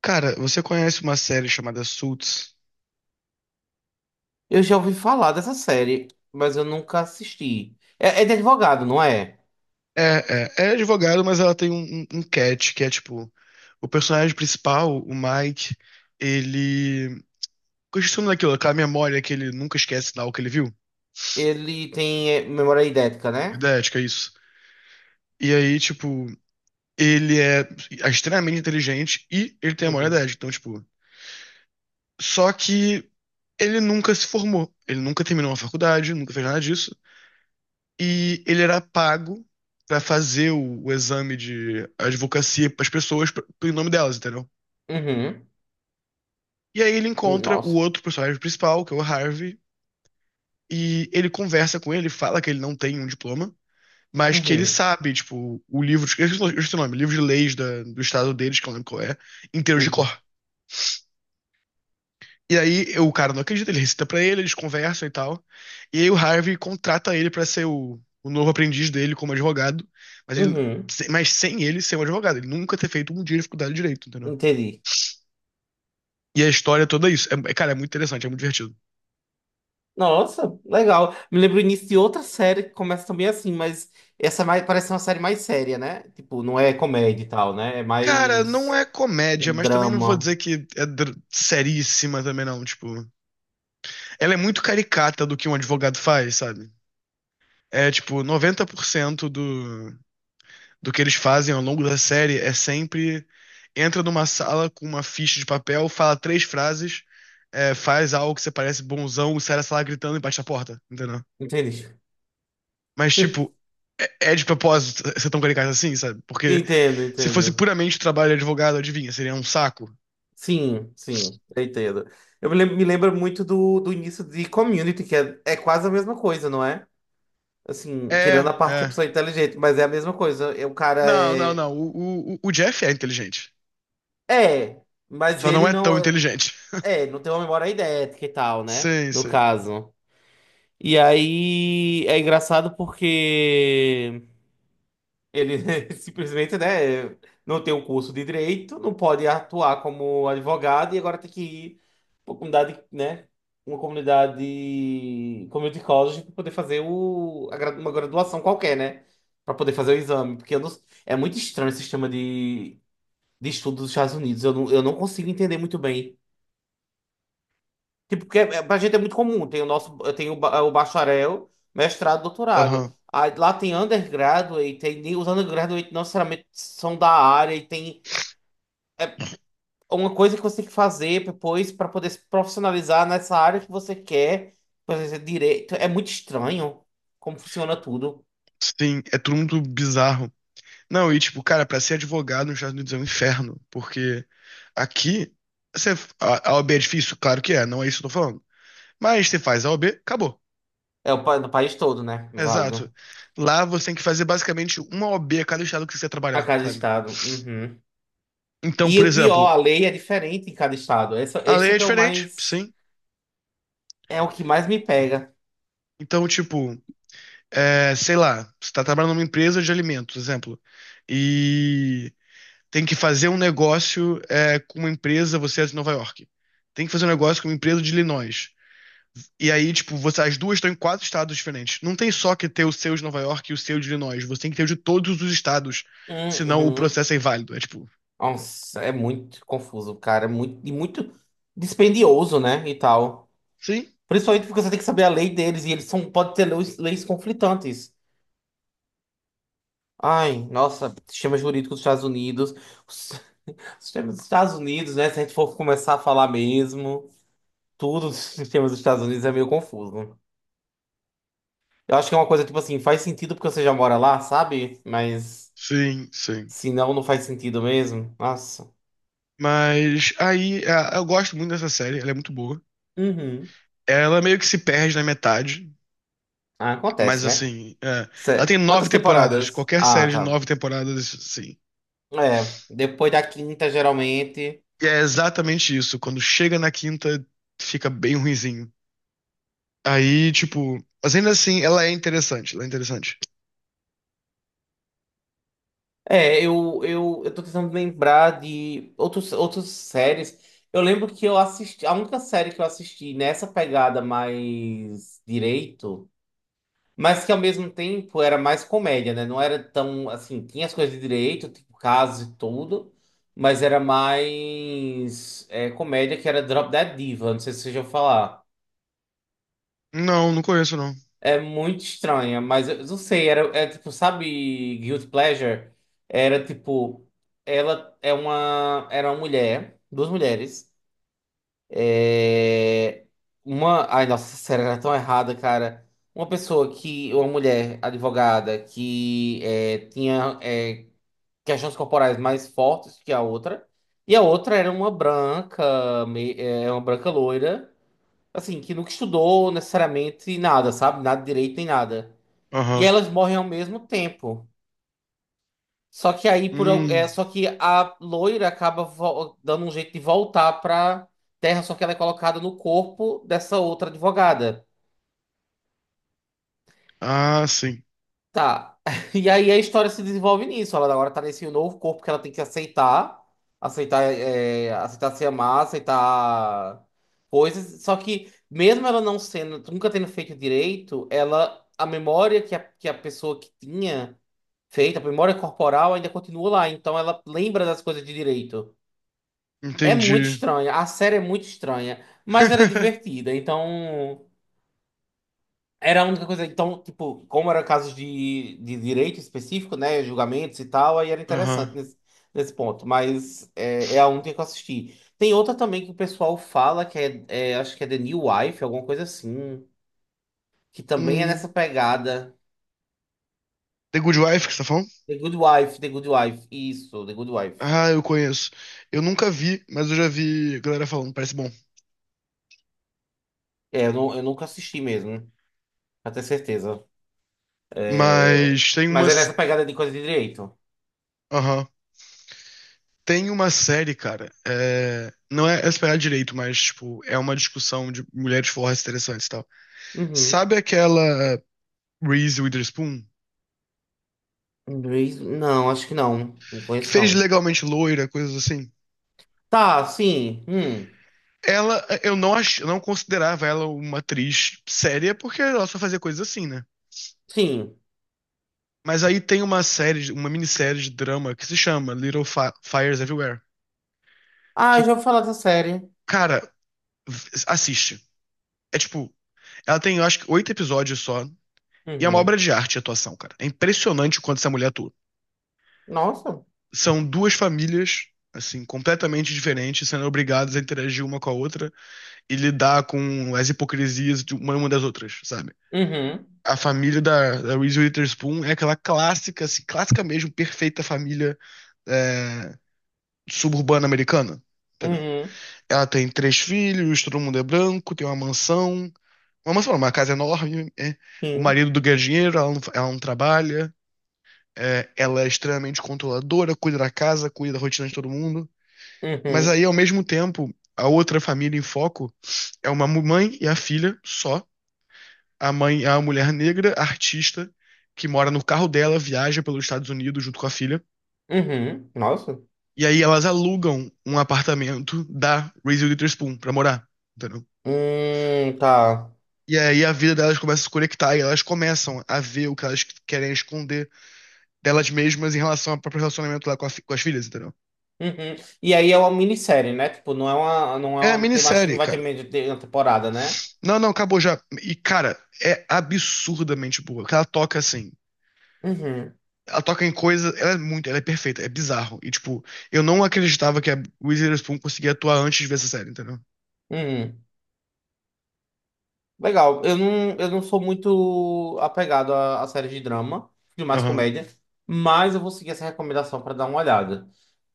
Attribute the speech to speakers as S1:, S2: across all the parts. S1: Cara, você conhece uma série chamada Suits?
S2: Eu já ouvi falar dessa série, mas eu nunca assisti. É de advogado, não é?
S1: É, é advogado, mas ela tem um catch, que é tipo, o personagem principal, o Mike, ele questiona daquilo, aquela memória que ele nunca esquece lá o que ele viu.
S2: Ele tem memória idética, né?
S1: Idética, é isso. E aí, tipo, ele é extremamente inteligente e ele tem a memória
S2: Uhum.
S1: idética. Então, tipo, só que ele nunca se formou. Ele nunca terminou uma faculdade, nunca fez nada disso. E ele era pago pra fazer o exame de advocacia pras pessoas, em nome delas, entendeu?
S2: Uhum.
S1: E aí ele encontra o
S2: Nossa.
S1: outro personagem principal, que é o Harvey, e ele conversa com ele, fala que ele não tem um diploma, mas que ele
S2: Uhum.
S1: sabe, tipo, o livro, eu esqueci o nome, livro de leis da- do estado deles, que eu não lembro qual é, inteiro de cor.
S2: Uhum.
S1: E aí o cara não acredita, ele recita pra ele, eles conversam e tal. E aí o Harvey contrata ele pra ser o novo aprendiz dele como advogado, mas, ele-
S2: Uhum.
S1: mas sem ele ser um advogado. Ele nunca ter feito um dia de faculdade de direito, entendeu?
S2: Entendi.
S1: E a história toda é isso. É, cara, é muito interessante, é muito divertido.
S2: Nossa, legal. Me lembro o início de outra série que começa também assim, mas essa é mais, parece uma série mais séria, né? Tipo, não é comédia e tal, né? É
S1: Cara, não
S2: mais
S1: é
S2: um
S1: comédia, mas também não vou
S2: drama.
S1: dizer que é seríssima também não, tipo, ela é muito caricata do que um advogado faz, sabe? É tipo 90% do que eles fazem ao longo da série é sempre entra numa sala com uma ficha de papel, fala três frases, faz algo que você parece bonzão, e sai da sala gritando e bate a porta, entendeu?
S2: Entendi.
S1: Mas, tipo, é de propósito ser tão caricato assim, sabe? Porque
S2: Entendo,
S1: se fosse
S2: entendo.
S1: puramente trabalho de advogado, adivinha, seria um saco.
S2: Sim, sim, eu entendo. Eu me lembro muito do início de Community, que é quase a mesma coisa, não é? Assim, tirando a
S1: É,
S2: parte que a
S1: é.
S2: pessoa é inteligente, mas é a mesma coisa. É, o cara
S1: Não, não,
S2: é.
S1: não. O Jeff é inteligente.
S2: É, mas
S1: Só não
S2: ele
S1: é
S2: não.
S1: tão inteligente.
S2: É, não tem uma memória idética e tal, né?
S1: Sim,
S2: No
S1: sim.
S2: caso. E aí é engraçado porque. Ele simplesmente, né, não tem o curso de direito, não pode atuar como advogado e agora tem que ir para uma comunidade, né, uma comunidade, community college para poder fazer a uma graduação qualquer, né, para poder fazer o exame, porque eu não- é muito estranho o sistema de estudo dos Estados Unidos, eu não consigo entender muito bem. Tipo, porque pra gente é muito comum. Tem o nosso, tem o, o bacharel, mestrado, doutorado.
S1: Aham.
S2: Aí, lá tem undergraduate, tem, os undergraduate não necessariamente são da área e tem é uma coisa que você tem que fazer depois para poder se profissionalizar nessa área que você quer, por exemplo, direito. É muito estranho como funciona tudo.
S1: Sim, é tudo muito bizarro. Não, e tipo, cara, pra ser advogado nos Estados Unidos é um inferno, porque aqui você, a OAB é difícil, claro que é, não é isso que eu tô falando. Mas você faz a OAB, acabou.
S2: É o no país todo, né?
S1: Exato.
S2: Válido.
S1: Lá você tem que fazer basicamente uma OAB a cada estado que você quer
S2: A
S1: trabalhar,
S2: cada
S1: sabe?
S2: estado. Uhum.
S1: Então,
S2: E
S1: por
S2: o pior,
S1: exemplo,
S2: a lei é diferente em cada estado.
S1: a
S2: Esse
S1: lei
S2: é
S1: é
S2: que é o
S1: diferente,
S2: mais,
S1: sim.
S2: é o que mais me pega.
S1: Então, tipo, sei lá, você tá trabalhando numa empresa de alimentos, exemplo, e tem que fazer um negócio com uma empresa, você é de Nova York. Tem que fazer um negócio com uma empresa de Illinois. E aí, tipo, você, as duas estão em quatro estados diferentes. Não tem só que ter o seu de Nova York e o seu de Illinois. Você tem que ter o de todos os estados. Senão o
S2: Uhum.
S1: processo é inválido. É tipo,
S2: Nossa, é muito confuso, cara. É muito, e muito dispendioso, né? E tal.
S1: sim,
S2: Principalmente porque você tem que saber a lei deles e eles são, pode ter leis, leis conflitantes. Ai, nossa, sistema jurídico dos Estados Unidos. Os sistemas dos Estados Unidos, né? Se a gente for começar a falar mesmo, tudo dos sistemas dos Estados Unidos é meio confuso. Eu acho que é uma coisa tipo assim, faz sentido porque você já mora lá, sabe? Mas
S1: sim, sim.
S2: se não, não faz sentido mesmo. Nossa.
S1: Mas aí, eu gosto muito dessa série. Ela é muito boa.
S2: Uhum.
S1: Ela meio que se perde na metade.
S2: Ah,
S1: Mas
S2: acontece, né?
S1: assim, ela tem nove
S2: Quantas
S1: temporadas.
S2: temporadas?
S1: Qualquer
S2: Ah,
S1: série de
S2: tá.
S1: nove temporadas, sim.
S2: É, depois da quinta, geralmente.
S1: E é exatamente isso. Quando chega na quinta, fica bem ruinzinho. Aí, tipo, mas ainda assim, ela é interessante. Ela é interessante.
S2: É, eu tô tentando lembrar de outros, outras séries. Eu lembro que eu assisti. A única série que eu assisti nessa pegada mais direito, mas que ao mesmo tempo era mais comédia, né? Não era tão assim. Tinha as coisas de direito, tipo casos e tudo, mas era mais comédia, que era Drop Dead Diva. Não sei se vocês já ouviram falar.
S1: Não, não conheço, não.
S2: É muito estranha, mas eu não sei, era, é tipo, sabe, Guilty Pleasure? Era tipo, era uma mulher, duas mulheres, é, uma, ai nossa, essa série era tão errada, cara. Uma mulher advogada que tinha questões corporais mais fortes que a outra, e a outra era uma branca, é, uma branca loira, assim, que nunca estudou necessariamente nada, sabe? Nada de direito nem nada. E
S1: Aham.
S2: elas morrem ao mesmo tempo. Só que aí
S1: Hum.
S2: é só que a loira acaba dando um jeito de voltar pra Terra, só que ela é colocada no corpo dessa outra advogada.
S1: Ah, sim.
S2: Tá. E aí a história se desenvolve nisso. Ela agora tá nesse novo corpo que ela tem que aceitar, aceitar, é, aceitar se amar, aceitar coisas. Só que mesmo ela não sendo, nunca tendo feito direito, ela a memória que a pessoa que tinha feita a memória corporal, ainda continua lá. Então ela lembra das coisas de direito. É muito
S1: Entendi.
S2: estranha. A série é muito estranha. Mas era divertida. Então. Era a única coisa. Então, tipo, como era casos de direito específico, né? Julgamentos e tal, aí era
S1: Aham.
S2: interessante nesse, nesse ponto. Mas é a única que eu assisti. Tem outra também que o pessoal fala, acho que é The New Wife, alguma coisa assim. Que também é
S1: Hum.
S2: nessa pegada.
S1: The Good Wife que você tá falando?
S2: The Good Wife, The Good Wife. Isso, The Good Wife.
S1: Ah, eu conheço. Eu nunca vi, mas eu já vi galera falando, parece bom.
S2: É, eu, não, eu nunca assisti mesmo. Pra ter certeza. É,
S1: Mas tem
S2: mas é
S1: umas, s-
S2: nessa pegada de coisa de direito.
S1: Aham. Tem uma série, cara. Não é esperar direito, mas, tipo, é uma discussão de mulheres fortes interessantes e tal.
S2: Uhum.
S1: Sabe aquela Reese Witherspoon?
S2: Inglês? Não, acho que não. Não
S1: Que
S2: conheço,
S1: fez
S2: não.
S1: legalmente loira, coisas assim?
S2: Tá, sim.
S1: Ela, eu não considerava ela uma atriz séria, porque ela só fazia coisas assim, né?
S2: Sim.
S1: Mas aí tem uma série, uma minissérie de drama que se chama Little Fires Everywhere.
S2: Ah,
S1: Que,
S2: eu já ouvi falar dessa série.
S1: cara, assiste. É tipo, ela tem, eu acho que, oito episódios só. E é uma obra
S2: Uhum.
S1: de arte e atuação, cara. É impressionante o quanto essa mulher atua.
S2: Nossa.
S1: São duas famílias, assim, completamente diferentes, sendo obrigadas a interagir uma com a outra e lidar com as hipocrisias de uma das outras, sabe?
S2: Uhum.
S1: A família da, da Reese Witherspoon é aquela clássica, assim, clássica mesmo, perfeita família é, suburbana americana. Entendeu?
S2: Uhum.
S1: Ela tem três filhos, todo mundo é branco, tem uma mansão. Uma mansão, não, uma casa enorme. O
S2: Sim.
S1: marido do ganha dinheiro, ela não trabalha. Ela é extremamente controladora, cuida da casa, cuida da rotina de todo mundo. Mas
S2: Uhum.
S1: aí, ao mesmo tempo, a outra família em foco é uma mãe e a filha só. A mãe é uma mulher negra, artista, que mora no carro dela, viaja pelos Estados Unidos junto com a filha.
S2: Uhum. Nossa.
S1: E aí elas alugam um apartamento da Reese Witherspoon pra morar, entendeu?
S2: Tá.
S1: E aí a vida delas começa a se conectar e elas começam a ver o que elas querem esconder delas mesmas em relação ao próprio relacionamento lá com, com as filhas, entendeu?
S2: Uhum. E aí é uma minissérie, né? Tipo, não é uma, não
S1: É
S2: é
S1: a
S2: uma, tem mais, não
S1: minissérie,
S2: vai ter
S1: cara.
S2: meio de uma temporada, né?
S1: Não, não, acabou já. E, cara, é absurdamente boa. Ela toca, assim,
S2: Uhum.
S1: ela toca em coisas. Ela é muito. Ela é perfeita. É bizarro. E, tipo, eu não acreditava que a Reese Witherspoon conseguia atuar antes de ver essa série, entendeu?
S2: Uhum. Legal. Eu não sou muito apegado a séries de drama, de mais
S1: Aham.
S2: comédia, mas eu vou seguir essa recomendação para dar uma olhada.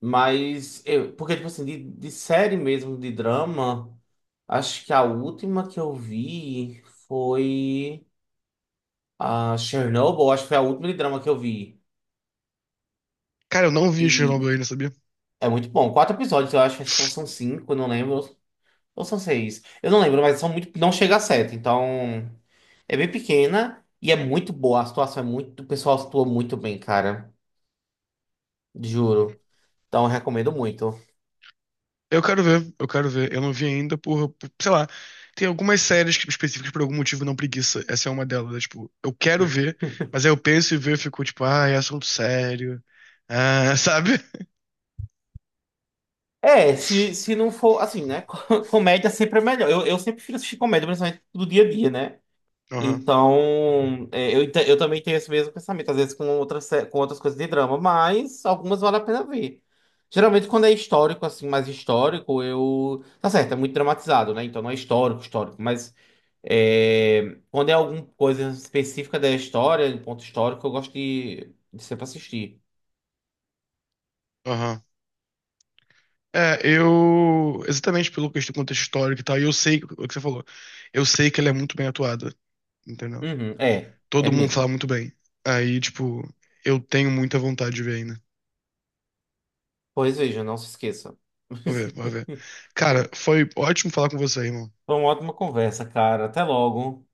S2: Mas, eu, porque, tipo assim, de série mesmo, de drama, acho que a última que eu vi foi a Chernobyl, acho que foi a última de drama que eu vi.
S1: Cara, eu não vi Chernobyl
S2: E
S1: ainda, sabia?
S2: é muito bom. Quatro episódios, eu acho que são cinco, eu não lembro. Ou são seis. Eu não lembro, mas são muito. Não chega a sete, então. É bem pequena e é muito boa. A situação é muito. O pessoal atua muito bem, cara. Juro. Então, eu recomendo muito.
S1: Eu quero ver. Eu quero ver. Eu não vi ainda sei lá. Tem algumas séries que- específicas que por algum motivo não preguiça. Essa é uma delas. Né? Tipo, eu quero ver, mas aí eu penso e ver, e fico tipo, ah, é assunto sério. Ah, sabe?
S2: É, se não for assim, né? Comédia sempre é melhor. Eu sempre prefiro assistir comédia, principalmente do dia a dia, né?
S1: Aham,
S2: Então, é, eu, eu também tenho esse mesmo pensamento, às vezes com outras, com outras coisas de drama, mas algumas vale a pena ver. Geralmente, quando é histórico, assim, mais histórico, eu. Tá certo, é muito dramatizado, né? Então, não é histórico, histórico, mas. É, quando é alguma coisa específica da história, de ponto histórico, eu gosto de sempre assistir.
S1: aham. É, eu. Exatamente do contexto histórico e tal, e eu sei o que você falou. Eu sei que ela é muito bem atuada, entendeu?
S2: Uhum, é, é
S1: Todo mundo fala
S2: mesmo.
S1: muito bem. Aí, tipo, eu tenho muita vontade de ver ainda.
S2: Pois veja, não se esqueça.
S1: Vou ver, vou ver. Cara, foi ótimo falar com você, irmão.
S2: Foi uma ótima conversa, cara. Até logo.